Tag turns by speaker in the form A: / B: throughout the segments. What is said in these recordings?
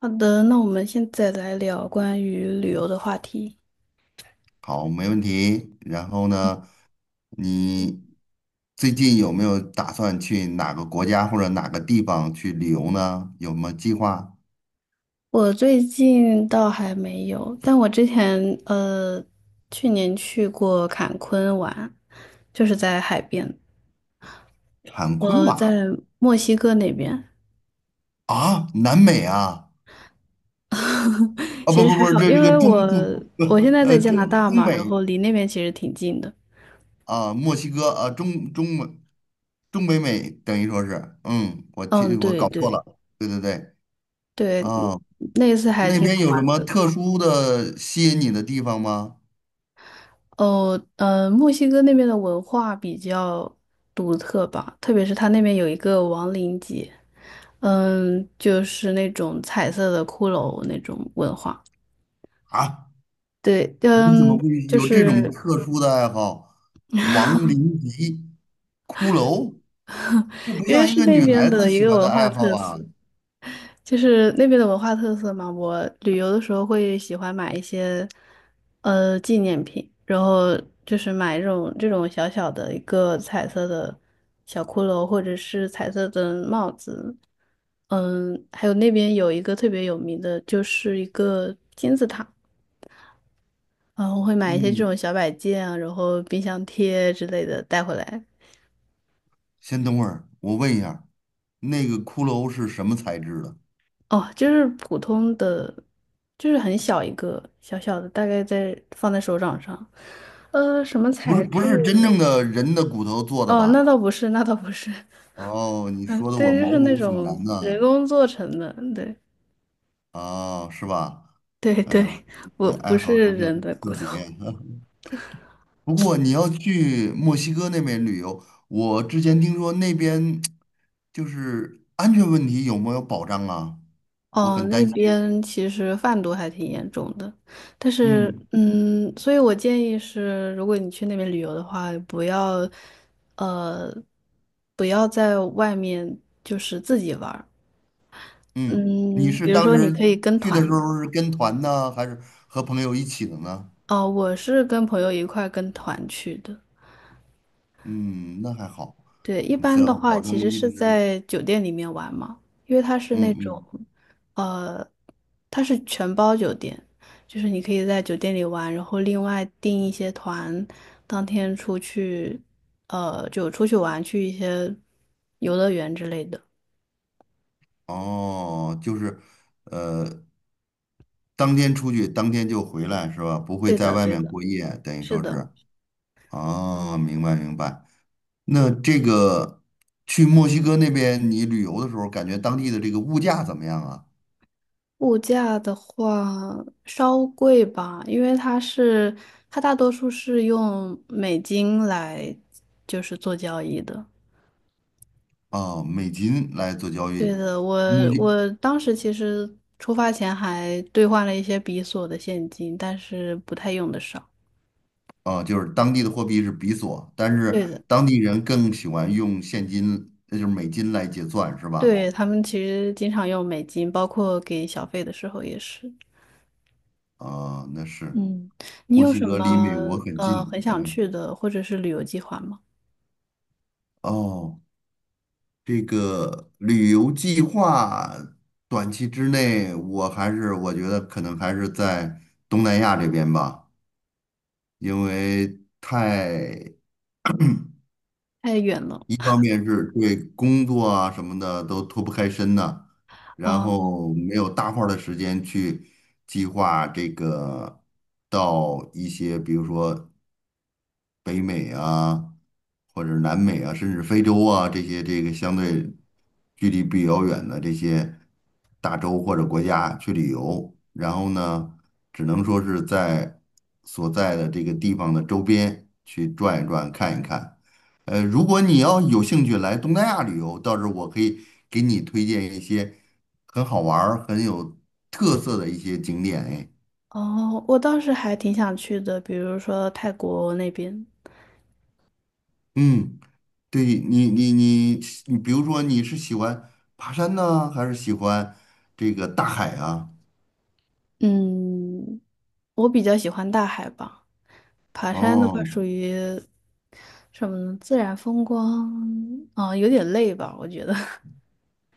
A: 好的，那我们现在来聊关于旅游的话题。
B: 好，没问题。然后呢，你最近有没有打算去哪个国家或者哪个地方去旅游呢？有没有计划？
A: 我最近倒还没有，但我之前呃，去年去过坎昆玩，就是在海边，
B: 坎昆瓦
A: 在墨西哥那边。
B: 啊，南美啊，啊
A: 其
B: 不
A: 实
B: 不
A: 还
B: 不，
A: 好，
B: 这
A: 因
B: 这
A: 为
B: 个中
A: 我
B: 中不
A: 我现在在
B: 呃
A: 加
B: 中
A: 拿大
B: 中
A: 嘛，然
B: 美
A: 后离那边其实挺近的。
B: 啊，墨西哥啊，中北美等于说是，嗯，我记
A: 嗯，
B: 我
A: 对
B: 搞错
A: 对
B: 了，对对对。
A: 对，嗯
B: 啊，
A: 那次还
B: 那
A: 挺
B: 边
A: 好
B: 有什
A: 玩
B: 么
A: 的。
B: 特殊的吸引你的地方吗？
A: 哦，嗯，墨西哥那边的文化比较独特吧，特别是它那边有一个亡灵节，嗯，就是那种彩色的骷髅那种文化。
B: 啊？
A: 对，
B: 你怎么
A: 嗯，
B: 会
A: 就
B: 有这种
A: 是
B: 特殊的爱好？亡灵级骷髅，这不
A: 因为
B: 像一
A: 是
B: 个
A: 那
B: 女
A: 边
B: 孩子
A: 的一
B: 喜
A: 个
B: 欢的
A: 文化
B: 爱好
A: 特
B: 啊。
A: 色。就是那边的文化特色嘛，我旅游的时候会喜欢买一些呃纪念品，然后就是买这种小小的一个彩色的小骷髅，或者是彩色的帽子。嗯，还有那边有一个特别有名的，就是一个金字塔，然我会买一些这
B: 嗯，
A: 种小摆件啊，然后冰箱贴之类的带回来。
B: 先等会儿，我问一下，那个骷髅是什么材质的？
A: 哦，就是普通的，就是很小一个，小小的，大概在放在手掌上。呃，什么
B: 不是
A: 材
B: 不
A: 质？
B: 是真正的人的骨头做的
A: 哦，那
B: 吧？
A: 倒不是，那倒不是。
B: 哦，你
A: 嗯，
B: 说的我
A: 对，就
B: 毛
A: 是那
B: 骨悚
A: 种
B: 然
A: 人
B: 呢。
A: 工做成的。对，
B: 哦，是吧？
A: 对
B: 哎
A: 对，
B: 呀，
A: 我
B: 这
A: 不
B: 爱
A: 是
B: 好还是
A: 人的骨
B: 特
A: 头。
B: 别。不过你要去墨西哥那边旅游，我之前听说那边就是安全问题有没有保障啊？我
A: 哦，
B: 很
A: 那
B: 担心。
A: 边其实贩毒还挺严重的，但是，
B: 嗯
A: 嗯，所以我建议是，如果你去那边旅游的话，不要，呃，不要在外面就是自己玩。
B: 嗯，你
A: 嗯，
B: 是
A: 比如
B: 当
A: 说你可
B: 时
A: 以跟
B: 去的
A: 团，
B: 时候是跟团呢，还是和朋友一起的呢？
A: 哦，我是跟朋友一块跟团去的。
B: 嗯，那还好，
A: 对，一
B: 只
A: 般的
B: 要
A: 话
B: 保证
A: 其实
B: 一
A: 是
B: 直，
A: 在酒店里面玩嘛，因为它是那
B: 嗯
A: 种，
B: 嗯，
A: 呃，它是全包酒店，就是你可以在酒店里玩，然后另外订一些团，当天出去，就出去玩，去一些游乐园之类的。
B: 哦，就是，呃，当天出去，当天就回来是吧？不会
A: 对
B: 在
A: 的，
B: 外
A: 对
B: 面
A: 的，
B: 过夜，等于
A: 是
B: 说
A: 的。
B: 是，哦，明白明白。那这个去墨西哥那边你旅游的时候，感觉当地的这个物价怎么样啊？
A: 物价的话稍贵吧，因为它是它大多数是用美金来就是做交易的。
B: 啊，美金来做交
A: 对
B: 易，
A: 的，我
B: 墨西
A: 我当时其实出发前还兑换了一些比索的现金，但是不太用得上。
B: 啊，就是当地的货币是比索，但是
A: 对的，
B: 当地人更喜欢用现金，那就是美金来结算，是吧？
A: 对，他们其实经常用美金，包括给小费的时候也是。
B: 啊，那是
A: 嗯，你
B: 墨
A: 有
B: 西
A: 什
B: 哥离
A: 么
B: 美国很
A: 呃
B: 近，
A: 很想
B: 嗯，
A: 去的或者是旅游计划吗？
B: 哦，这个旅游计划短期之内，我还是我觉得可能还是在东南亚这边吧。因为太
A: 太远了。
B: 一方面是对工作啊什么的都脱不开身呢，然
A: 哦，
B: 后没有大块儿的时间去计划这个到一些，比如说北美啊，或者是南美啊，甚至非洲啊这个相对距离比较远的这些大洲或者国家去旅游，然后呢，只能说是在所在的这个地方的周边去转一转、看一看。如果你要有兴趣来东南亚旅游，到时候我可以给你推荐一些很好玩儿、很有特色的一些景点。哎，
A: 哦，我倒是还挺想去的，比如说泰国那边。
B: 嗯。对你，你你你，比如说你是喜欢爬山呢，还是喜欢这个大海啊？
A: 嗯，我比较喜欢大海吧，爬山的话
B: 哦，
A: 属于什么呢？自然风光，啊、有点累吧，我觉得。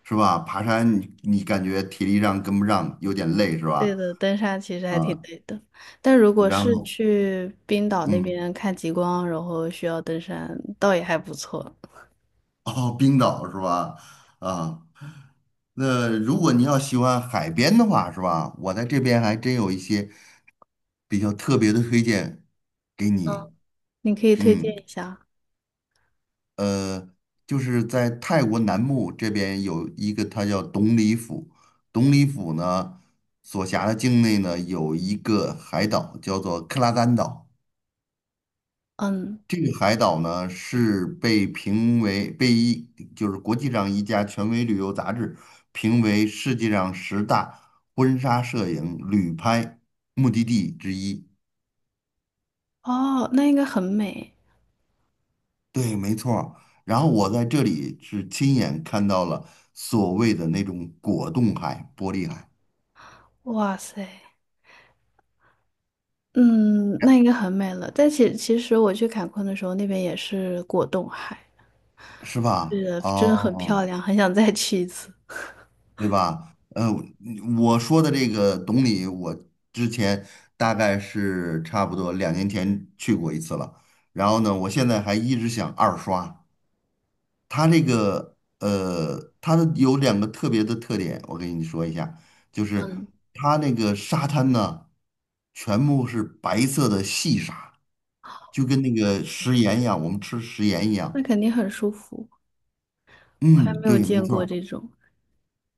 B: 是吧？爬山你感觉体力上跟不上，有点累是
A: 累
B: 吧？
A: 的，登山其实还挺
B: 啊，
A: 累的，但如果
B: 然
A: 是
B: 后
A: 去冰岛那
B: 嗯，
A: 边看极光，然后需要登山，倒也还不错。
B: 哦，冰岛是吧？啊，那如果你要喜欢海边的话，是吧？我在这边还真有一些比较特别的推荐给你，
A: 嗯，你可以推荐
B: 嗯。
A: 一下。
B: 呃，就是在泰国南部这边有一个，它叫董里府。董里府呢，所辖的境内呢有一个海岛，叫做克拉丹岛。
A: 嗯，
B: 这个海岛呢是被评为被一就是国际上一家权威旅游杂志评为世界上十大婚纱摄影旅拍目的地之一。
A: 哦，那应该很美。
B: 对，没错儿。然后我在这里是亲眼看到了所谓的那种果冻海、玻璃海，
A: 哇塞！嗯，那应该很美了。但其实我去坎昆的时候，那边也是果冻海，
B: 是吧？
A: 是真的很
B: 哦，
A: 漂亮，很想再去一次。
B: 对吧？我说的这个懂你，我之前大概是差不多2年前去过一次了。然后呢，我现在还一直想二刷。它这个，它的有2个特别的特点，我跟你说一下，就是
A: 嗯，
B: 它那个沙滩呢，全部是白色的细沙，就跟那个食盐一样，我们吃食盐一
A: 那
B: 样。
A: 肯定很舒服，我还
B: 嗯，
A: 没有
B: 对，没
A: 见
B: 错
A: 过
B: 儿。
A: 这种。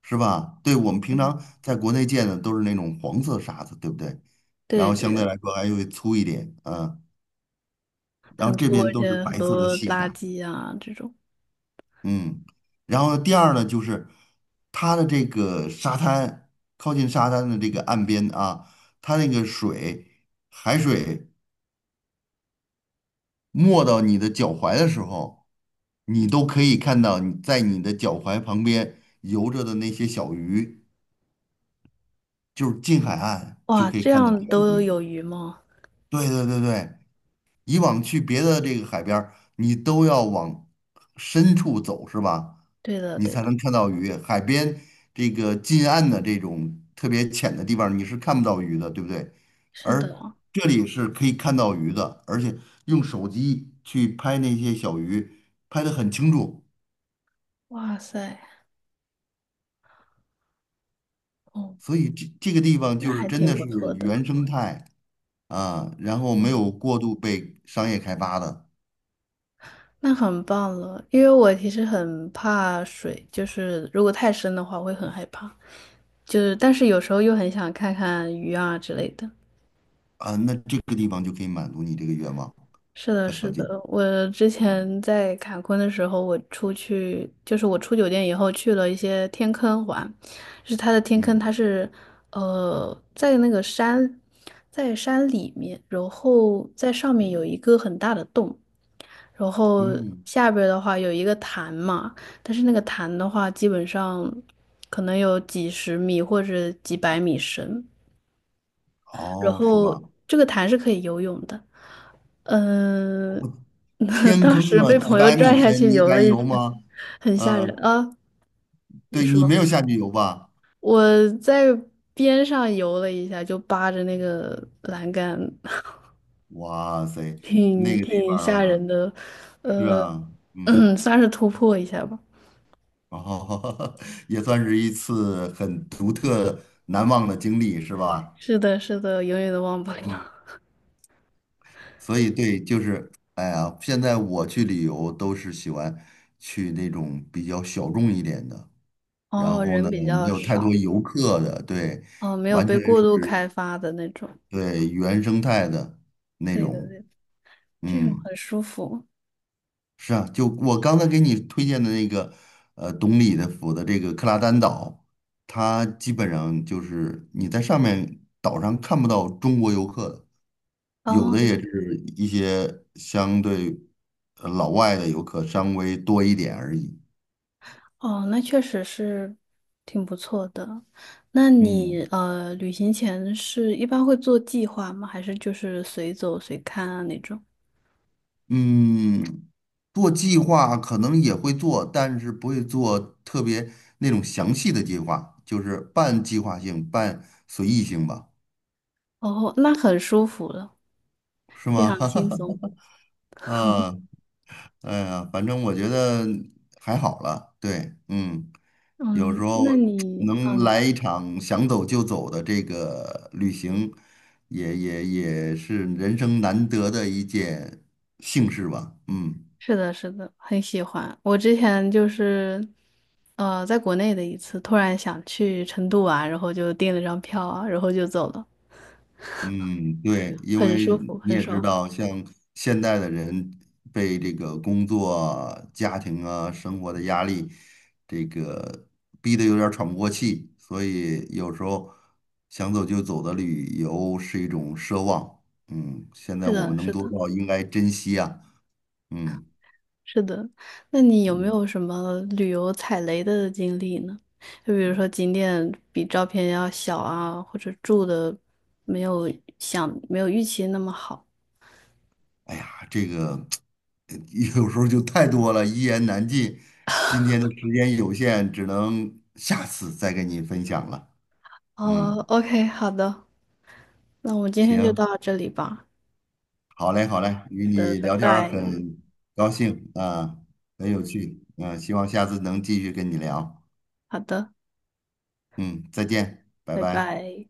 B: 是吧？对，我们平
A: 嗯，
B: 常在国内见的都是那种黄色沙子，对不对？然
A: 对
B: 后
A: 对
B: 相对
A: 的，
B: 来说还会粗一点，然
A: 很
B: 后这
A: 粗，
B: 边
A: 而
B: 都是
A: 且很
B: 白色的
A: 多
B: 细
A: 垃
B: 沙。
A: 圾啊这种。
B: 嗯，然后第二呢，就是它的这个沙滩，靠近沙滩的这个岸边啊，它那个水，海水没到你的脚踝的时候，你都可以看到你在你的脚踝旁边游着的那些小鱼，就是近海岸就
A: 哇，
B: 可以
A: 这
B: 看到
A: 样
B: 小
A: 都
B: 鱼。
A: 有鱼吗？
B: 对对对对，以往去别的这个海边儿，你都要往深处走，是吧？
A: 对的
B: 你
A: 对
B: 才
A: 的，
B: 能看到鱼。海边这个近岸的这种特别浅的地方，你是看不到鱼的，对不对？
A: 是
B: 而
A: 的。
B: 这里是可以看到鱼的，而且用手机去拍那些小鱼，拍得很清楚。
A: 哇塞，哦，
B: 所以这个地方
A: 那
B: 就是
A: 还
B: 真
A: 挺
B: 的
A: 不
B: 是
A: 错的。
B: 原生态啊，然后没
A: 嗯。
B: 有过度被商业开发的。
A: 那很棒了，因为我其实很怕水，就是如果太深的话，我会很害怕。就是，但是有时候又很想看看鱼啊之类的。
B: 啊，那这个地方就可以满足你这个愿望
A: 是的，
B: 和条
A: 是的，
B: 件。
A: 我之
B: 嗯
A: 前在坎昆的时候，我出去就是我出酒店以后去了一些天坑玩，就是它的天坑，
B: 嗯
A: 它是呃在那个山，在山里面，然后在上面有一个很大的洞，然后
B: 嗯，
A: 下边儿的话有一个潭嘛，但是那个潭的话，基本上可能有几十米或者几百米深。然
B: 哦，是
A: 后
B: 吧？
A: 这个潭是可以游泳的。
B: 我
A: 嗯、
B: 天
A: 当
B: 坑
A: 时
B: 啊，
A: 被
B: 几
A: 朋友
B: 百米
A: 拽下
B: 深，
A: 去
B: 你
A: 游了
B: 敢
A: 一
B: 游
A: 圈，
B: 吗？
A: 很吓人
B: 嗯、
A: 啊！你
B: 对
A: 说
B: 你没有下去游吧？
A: 我在边上游了一下，就扒着那个栏杆，
B: 哇塞，
A: 挺
B: 那个地
A: 挺吓
B: 方
A: 人的，
B: 是啊，嗯，
A: 嗯，算是突破一下吧。
B: 哦，也算是一次很独特、难忘的经历，是吧？
A: 是的，是的，永远都忘不
B: 嗯，
A: 了。
B: 所以对，就是，哎呀，现在我去旅游都是喜欢去那种比较小众一点的。然
A: 哦，
B: 后
A: 人
B: 呢，
A: 比
B: 没
A: 较
B: 有太多
A: 少，
B: 游客的，对，
A: 哦，没有
B: 完
A: 被
B: 全
A: 过度
B: 是
A: 开发的那种。
B: 对原生态的那
A: 对的，
B: 种，
A: 对的，这种
B: 嗯，
A: 很舒服。
B: 是啊，就我刚才给你推荐的那个，懂礼的府的这个克拉丹岛，它基本上就是你在上面岛上看不到中国游客的，有
A: 哦。
B: 的也是一些相对老外的游客稍微多一点而已，
A: 哦，那确实是挺不错的。那你
B: 嗯。
A: 呃，旅行前是一般会做计划吗？还是就是随走随看啊那种？
B: 嗯，做计划可能也会做，但是不会做特别那种详细的计划，就是半计划性、半随意性吧，
A: 哦，那很舒服了，
B: 是
A: 非
B: 吗？
A: 常轻松。
B: 啊，哎呀，反正我觉得还好了。对，嗯，有时
A: 嗯，
B: 候
A: 那你
B: 能
A: 嗯，
B: 来一场想走就走的这个旅行，也是人生难得的一件幸事吧。嗯。
A: 是的，是的，很喜欢。我之前就是呃，在国内的一次，突然想去成都啊，然后就订了张票啊，然后就走了，
B: 嗯，对，因
A: 很
B: 为
A: 舒服，
B: 你
A: 很
B: 也知
A: 爽。
B: 道，像现代的人被这个工作啊家庭啊、生活的压力，这个逼得有点儿喘不过气，所以有时候想走就走的旅游是一种奢望。嗯，现在
A: 是
B: 我们
A: 的，
B: 能
A: 是
B: 做
A: 的。
B: 到，应该珍惜啊。嗯
A: 是的，那你有没
B: 嗯，
A: 有什么旅游踩雷的经历呢？就比如说景点比照片要小啊，或者住的没有想没有预期那么好。
B: 哎呀，这个 有时候就太多了，一言难尽。今天的时间有限，只能下次再跟你分享了。嗯。
A: 哦，OK，好的，那我们今天就
B: 行，
A: 到这里吧。
B: 好嘞，好嘞，与
A: 好的，
B: 你
A: 拜
B: 聊天儿
A: 拜。
B: 很高兴啊，很有趣，嗯、希望下次能继续跟你聊。
A: 好的，
B: 嗯，再见，拜
A: 拜
B: 拜。
A: 拜。